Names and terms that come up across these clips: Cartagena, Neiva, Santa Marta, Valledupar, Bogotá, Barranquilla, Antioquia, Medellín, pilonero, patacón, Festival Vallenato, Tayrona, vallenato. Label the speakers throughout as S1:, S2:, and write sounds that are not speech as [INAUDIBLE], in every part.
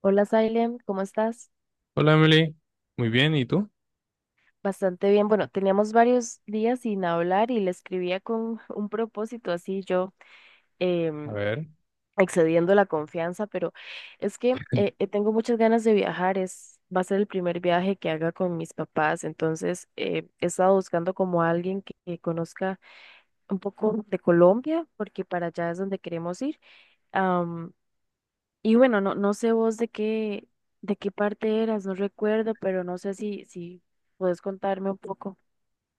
S1: Hola, Sailem, ¿cómo estás?
S2: Hola Emily, muy bien, ¿y tú?
S1: Bastante bien. Bueno, teníamos varios días sin hablar y le escribía con [LAUGHS] un propósito así yo
S2: A
S1: em,
S2: ver.
S1: excediendo la confianza, pero es que tengo muchas ganas de viajar. Es, va a ser el primer viaje que haga con mis papás, entonces he estado buscando como a alguien que conozca un poco de Colombia, porque para allá es donde queremos ir. Y bueno, no sé vos de qué parte eras, no recuerdo, pero no sé si, si puedes contarme un poco.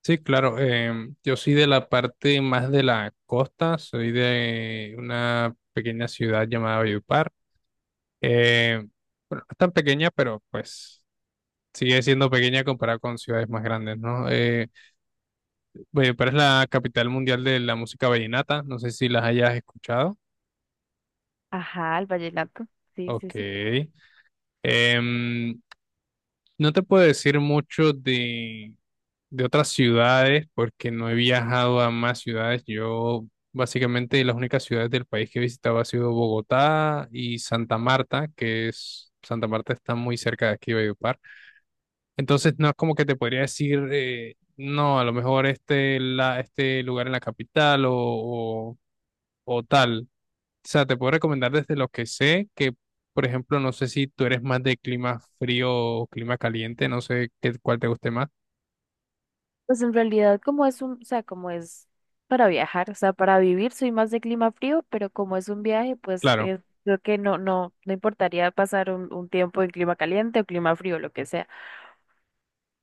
S2: Sí, claro, yo soy de la parte más de la costa, soy de una pequeña ciudad llamada Valledupar. Eh, bueno, no es tan pequeña, pero pues sigue siendo pequeña comparada con ciudades más grandes, ¿no? Valledupar es la capital mundial de la música vallenata, no sé si las hayas escuchado.
S1: Ajá, el vallenato. Sí, sí,
S2: Ok.
S1: sí.
S2: Em, no te puedo decir mucho de otras ciudades porque no he viajado a más ciudades. Yo básicamente las únicas ciudades del país que he visitado ha sido Bogotá y Santa Marta, que es Santa Marta está muy cerca de aquí, Valledupar. Entonces no es como que te podría decir, no, a lo mejor este, este lugar en la capital o tal. O sea, te puedo recomendar desde lo que sé que... Por ejemplo, no sé si tú eres más de clima frío o clima caliente, no sé qué, cuál te guste más.
S1: Pues en realidad como es un, o sea, como es para viajar, o sea, para vivir soy más de clima frío, pero como es un viaje, pues
S2: Claro.
S1: creo que no, no, no importaría pasar un tiempo en clima caliente o clima frío, lo que sea.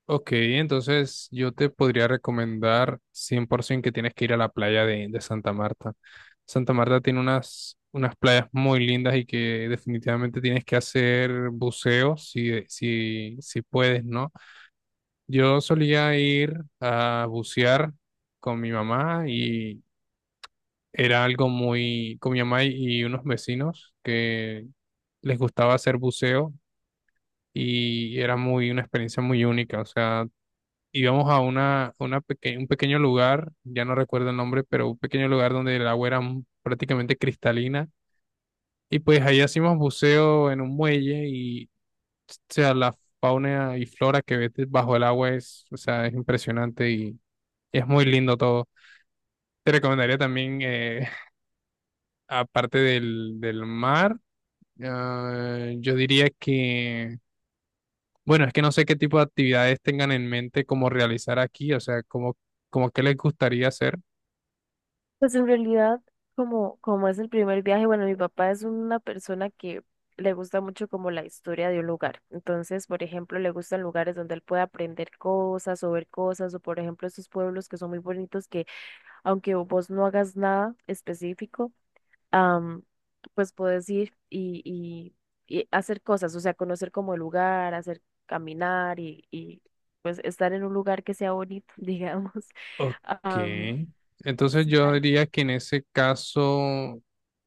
S2: Ok, entonces yo te podría recomendar 100% que tienes que ir a la playa de Santa Marta. Santa Marta tiene unas playas muy lindas y que definitivamente tienes que hacer buceo si puedes, ¿no? Yo solía ir a bucear con mi mamá y era algo muy, con mi mamá y unos vecinos que les gustaba hacer buceo y era muy, una experiencia muy única, o sea, íbamos a una un pequeño lugar, ya no recuerdo el nombre, pero un pequeño lugar donde el agua era prácticamente cristalina. Y pues ahí hacíamos buceo en un muelle y, o sea, la fauna y flora que ves bajo el agua es, o sea, es impresionante y es muy lindo todo. Te recomendaría también, [LAUGHS] aparte del mar, ah, yo diría que, bueno, es que no sé qué tipo de actividades tengan en mente como realizar aquí, o sea, como, como qué les gustaría hacer.
S1: Pues en realidad, como es el primer viaje, bueno, mi papá es una persona que le gusta mucho como la historia de un lugar. Entonces, por ejemplo, le gustan lugares donde él puede aprender cosas o ver cosas, o por ejemplo, esos pueblos que son muy bonitos que aunque vos no hagas nada específico, am, pues puedes ir y, y hacer cosas, o sea, conocer como el lugar, hacer caminar y pues estar en un lugar que sea bonito, [LAUGHS] digamos.
S2: Ok.
S1: Am,
S2: Entonces
S1: Sí.
S2: yo diría que en ese caso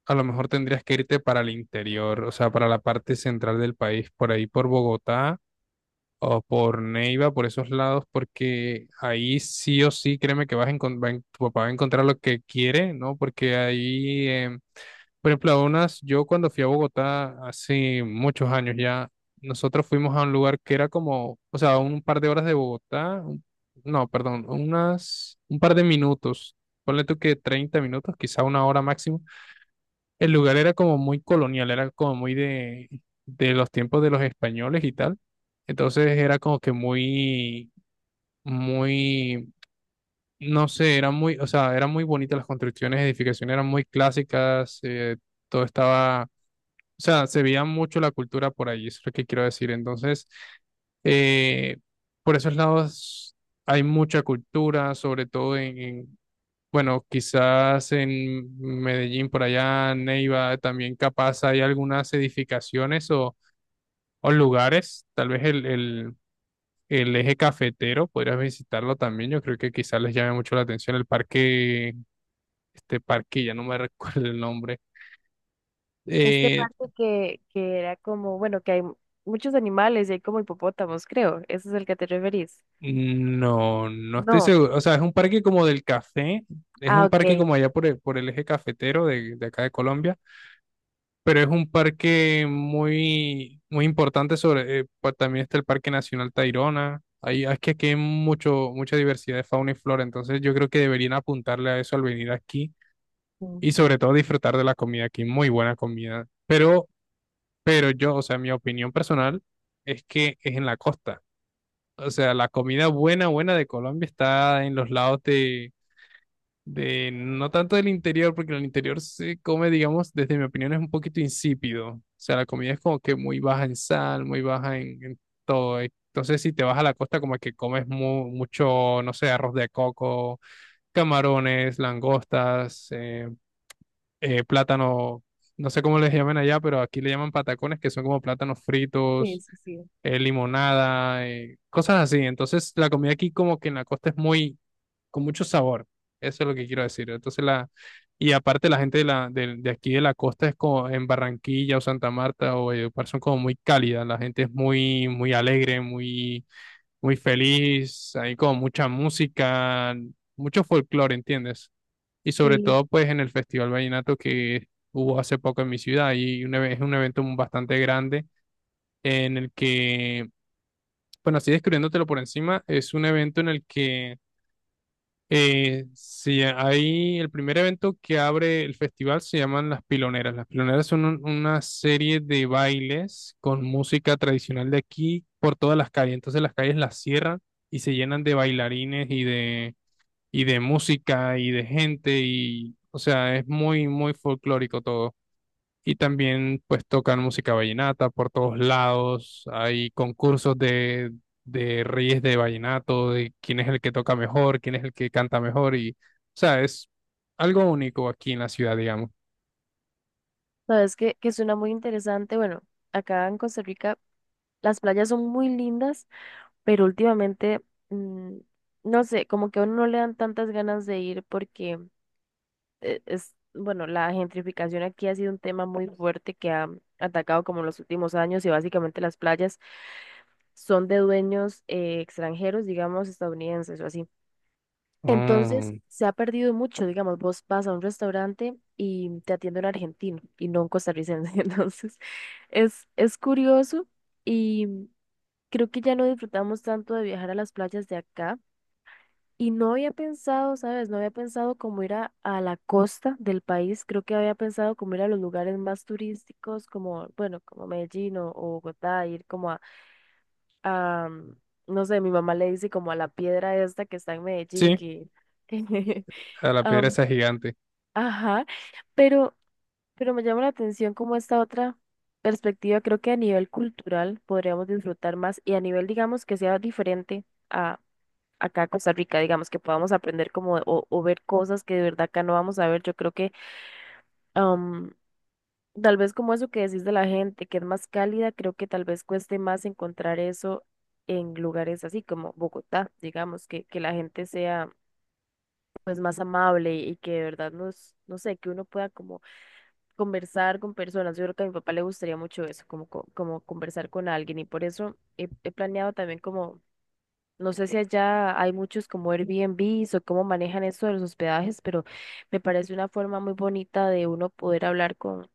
S2: a lo mejor tendrías que irte para el interior, o sea, para la parte central del país, por ahí por Bogotá o por Neiva, por esos lados, porque ahí sí o sí, créeme que vas a tu papá va a encontrar lo que quiere, ¿no? Porque ahí por ejemplo, unas, yo cuando fui a Bogotá hace muchos años ya, nosotros fuimos a un lugar que era como, o sea, un par de horas de Bogotá, no, perdón, unas, un par de minutos, ponle tú que 30 minutos, quizá una hora máximo. El lugar era como muy colonial, era como muy de los tiempos de los españoles y tal. Entonces era como que muy, muy, no sé, era muy, o sea, eran muy bonitas las construcciones, edificaciones eran muy clásicas, todo estaba o sea, se veía mucho la cultura por ahí, eso es lo que quiero decir. Entonces, eh, por esos lados hay mucha cultura, sobre todo bueno, quizás en Medellín, por allá, Neiva, también capaz hay algunas edificaciones o lugares, tal vez el eje cafetero, podrías visitarlo también, yo creo que quizás les llame mucho la atención el parque, este parque, ya no me [LAUGHS] recuerdo el nombre.
S1: Este
S2: Eh,
S1: parque que era como, bueno, que hay muchos animales y hay como hipopótamos, creo. ¿Ese es el que te referís?
S2: No, no estoy
S1: No.
S2: seguro. O sea, es un parque como del café. Es
S1: Ah,
S2: un parque
S1: ok.
S2: como allá por por el eje cafetero de acá de Colombia. Pero es un parque muy, muy importante sobre... también está el Parque Nacional Tayrona. Ahí, es que aquí hay mucho, mucha diversidad de fauna y flora. Entonces yo creo que deberían apuntarle a eso al venir aquí.
S1: Mm.
S2: Y sobre todo disfrutar de la comida aquí. Muy buena comida. Pero yo, o sea, mi opinión personal es que es en la costa. O sea, la comida buena, buena de Colombia está en los lados no tanto del interior, porque en el interior se come, digamos, desde mi opinión, es un poquito insípido. O sea, la comida es como que muy baja en sal, muy baja en todo. Entonces, si te vas a la costa, como que comes mucho, no sé, arroz de coco, camarones, langostas, plátano, no sé cómo les llaman allá, pero aquí le llaman patacones, que son como plátanos
S1: Sí,
S2: fritos
S1: sí, sí.
S2: limonada, cosas así. Entonces, la comida aquí como que en la costa es muy, con mucho sabor. Eso es lo que quiero decir. Entonces, la, y aparte la gente de aquí de la costa es como en Barranquilla o Santa Marta o Valledupar son como muy cálida. La gente es muy, muy alegre, muy, muy feliz. Hay como mucha música, mucho folclore, ¿entiendes? Y sobre
S1: Sí,
S2: todo, pues, en el Festival Vallenato que hubo hace poco en mi ciudad es un evento bastante grande en el que bueno, así describiéndotelo por encima, es un evento en el que si hay el primer evento que abre el festival se llaman las piloneras. Las piloneras son una serie de bailes con música tradicional de aquí por todas las calles. Entonces las calles las cierran y se llenan de bailarines y de música y de gente y o sea, es muy muy folclórico todo y también pues tocan música vallenata por todos lados, hay concursos de reyes de vallenato, de quién es el que toca mejor, quién es el que canta mejor y, o sea, es algo único aquí en la ciudad, digamos.
S1: sabes que suena muy interesante. Bueno, acá en Costa Rica las playas son muy lindas, pero últimamente, mm, no sé, como que a uno no le dan tantas ganas de ir porque es, bueno, la gentrificación aquí ha sido un tema muy fuerte que ha atacado como en los últimos años y básicamente las playas. Son de dueños extranjeros, digamos, estadounidenses o así. Entonces,
S2: Mm,
S1: se ha perdido mucho, digamos, vos vas a un restaurante y te atiende un argentino y no un costarricense. [LAUGHS] Entonces, es curioso y creo que ya no disfrutamos tanto de viajar a las playas de acá. Y no había pensado, ¿sabes? No había pensado como ir a la costa del país. Creo que había pensado como ir a los lugares más turísticos, como, bueno, como Medellín o Bogotá, ir como a am, no sé, mi mamá le dice como a la piedra esta que está en Medellín
S2: sí,
S1: que... [LAUGHS]
S2: a la piedra
S1: am,
S2: esa gigante,
S1: ajá, pero, pero me llama la atención como esta otra perspectiva, creo que a nivel cultural podríamos disfrutar más y a nivel, digamos, que sea diferente a acá a Costa Rica, digamos, que podamos aprender como o ver cosas que de verdad acá no vamos a ver. Yo creo que... Tal vez como eso que decís de la gente, que es más cálida, creo que tal vez cueste más encontrar eso en lugares así como Bogotá, digamos, que la gente sea pues más amable y que de verdad nos, no sé, que uno pueda como conversar con personas. Yo creo que a mi papá le gustaría mucho eso, como, como conversar con alguien y por eso he planeado también como, no sé si allá hay muchos como Airbnbs o cómo manejan eso de los hospedajes, pero me parece una forma muy bonita de uno poder hablar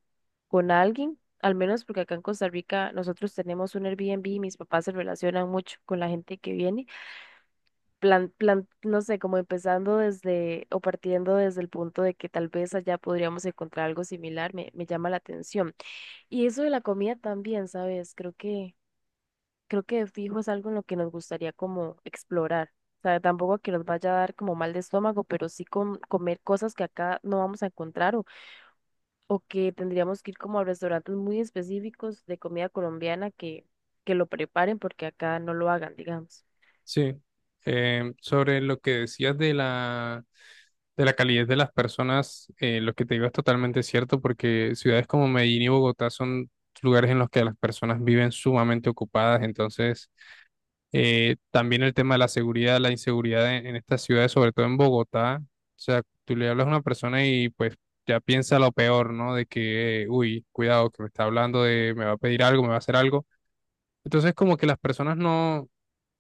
S1: con alguien, al menos porque acá en Costa Rica nosotros tenemos un Airbnb y mis papás se relacionan mucho con la gente que viene, plan, plan, no sé, como empezando desde o partiendo desde el punto de que tal vez allá podríamos encontrar algo similar, me llama la atención. Y eso de la comida también, ¿sabes? Creo que de fijo es algo en lo que nos gustaría como explorar. O sea, tampoco que nos vaya a dar como mal de estómago, pero sí comer cosas que acá no vamos a encontrar o que tendríamos que ir como a restaurantes muy específicos de comida colombiana que lo preparen porque acá no lo hagan, digamos.
S2: sí. Sobre lo que decías de la... De la calidez de las personas, lo que te digo es totalmente cierto, porque ciudades como Medellín y Bogotá son lugares en los que las personas viven sumamente ocupadas, entonces también el tema de la seguridad, la inseguridad en estas ciudades, sobre todo en Bogotá. O sea, tú le hablas a una persona y pues ya piensa lo peor, ¿no? De que, uy, cuidado, que me está hablando de, me va a pedir algo, me va a hacer algo. Entonces, como que las personas no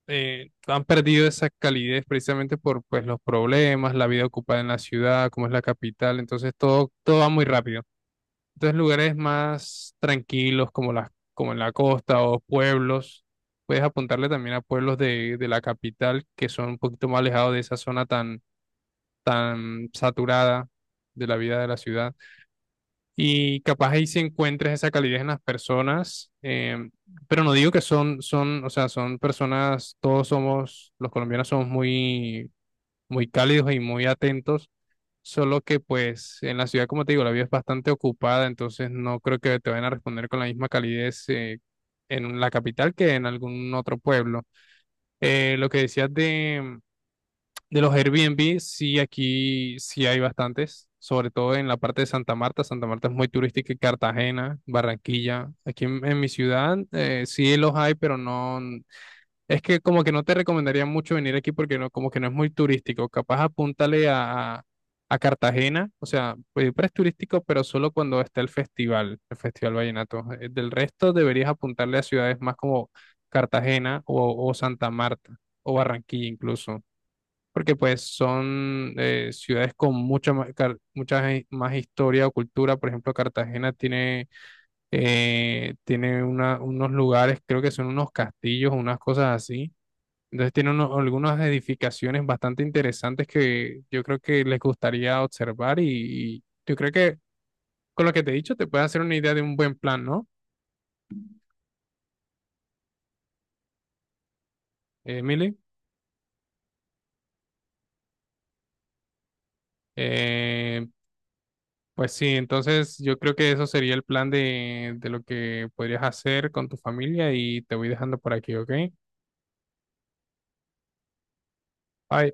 S2: han perdido esa calidez precisamente por pues los problemas, la vida ocupada en la ciudad, como es la capital. Entonces, todo, todo va muy rápido. Entonces, lugares más tranquilos como las, como en la costa o pueblos, puedes apuntarle también a pueblos de la capital que son un poquito más alejados de esa zona tan, tan saturada de la vida de la ciudad. Y capaz ahí sí encuentres esa calidez en las personas, pero no digo que son, son, o sea, son personas, todos somos, los colombianos somos muy, muy cálidos y muy atentos. Solo que pues en la ciudad, como te digo, la vida es bastante ocupada, entonces no creo que te vayan a responder con la misma calidez en la capital que en algún otro pueblo. Lo que decías de los Airbnb, sí, aquí sí hay bastantes, sobre todo en la parte de Santa Marta. Santa Marta es muy turística y Cartagena, Barranquilla. Aquí en mi ciudad sí los hay, pero no. Es que como que no te recomendaría mucho venir aquí porque no, como que no es muy turístico. Capaz apúntale a Cartagena, o sea, pues es turístico, pero solo cuando está el Festival Vallenato. Del resto deberías apuntarle a ciudades más como Cartagena o Santa Marta o Barranquilla incluso, porque pues son ciudades con mucha más, mucha más historia o cultura. Por ejemplo, Cartagena tiene, tiene unos lugares, creo que son unos castillos o unas cosas así, entonces tiene algunas edificaciones bastante interesantes que yo creo que les gustaría observar y yo creo que con lo que te he dicho te puede hacer una idea de un buen plan, ¿no, Emily? Eh, pues sí, entonces yo creo que eso sería el plan de lo que podrías hacer con tu familia y te voy dejando por aquí, ¿ok? Bye.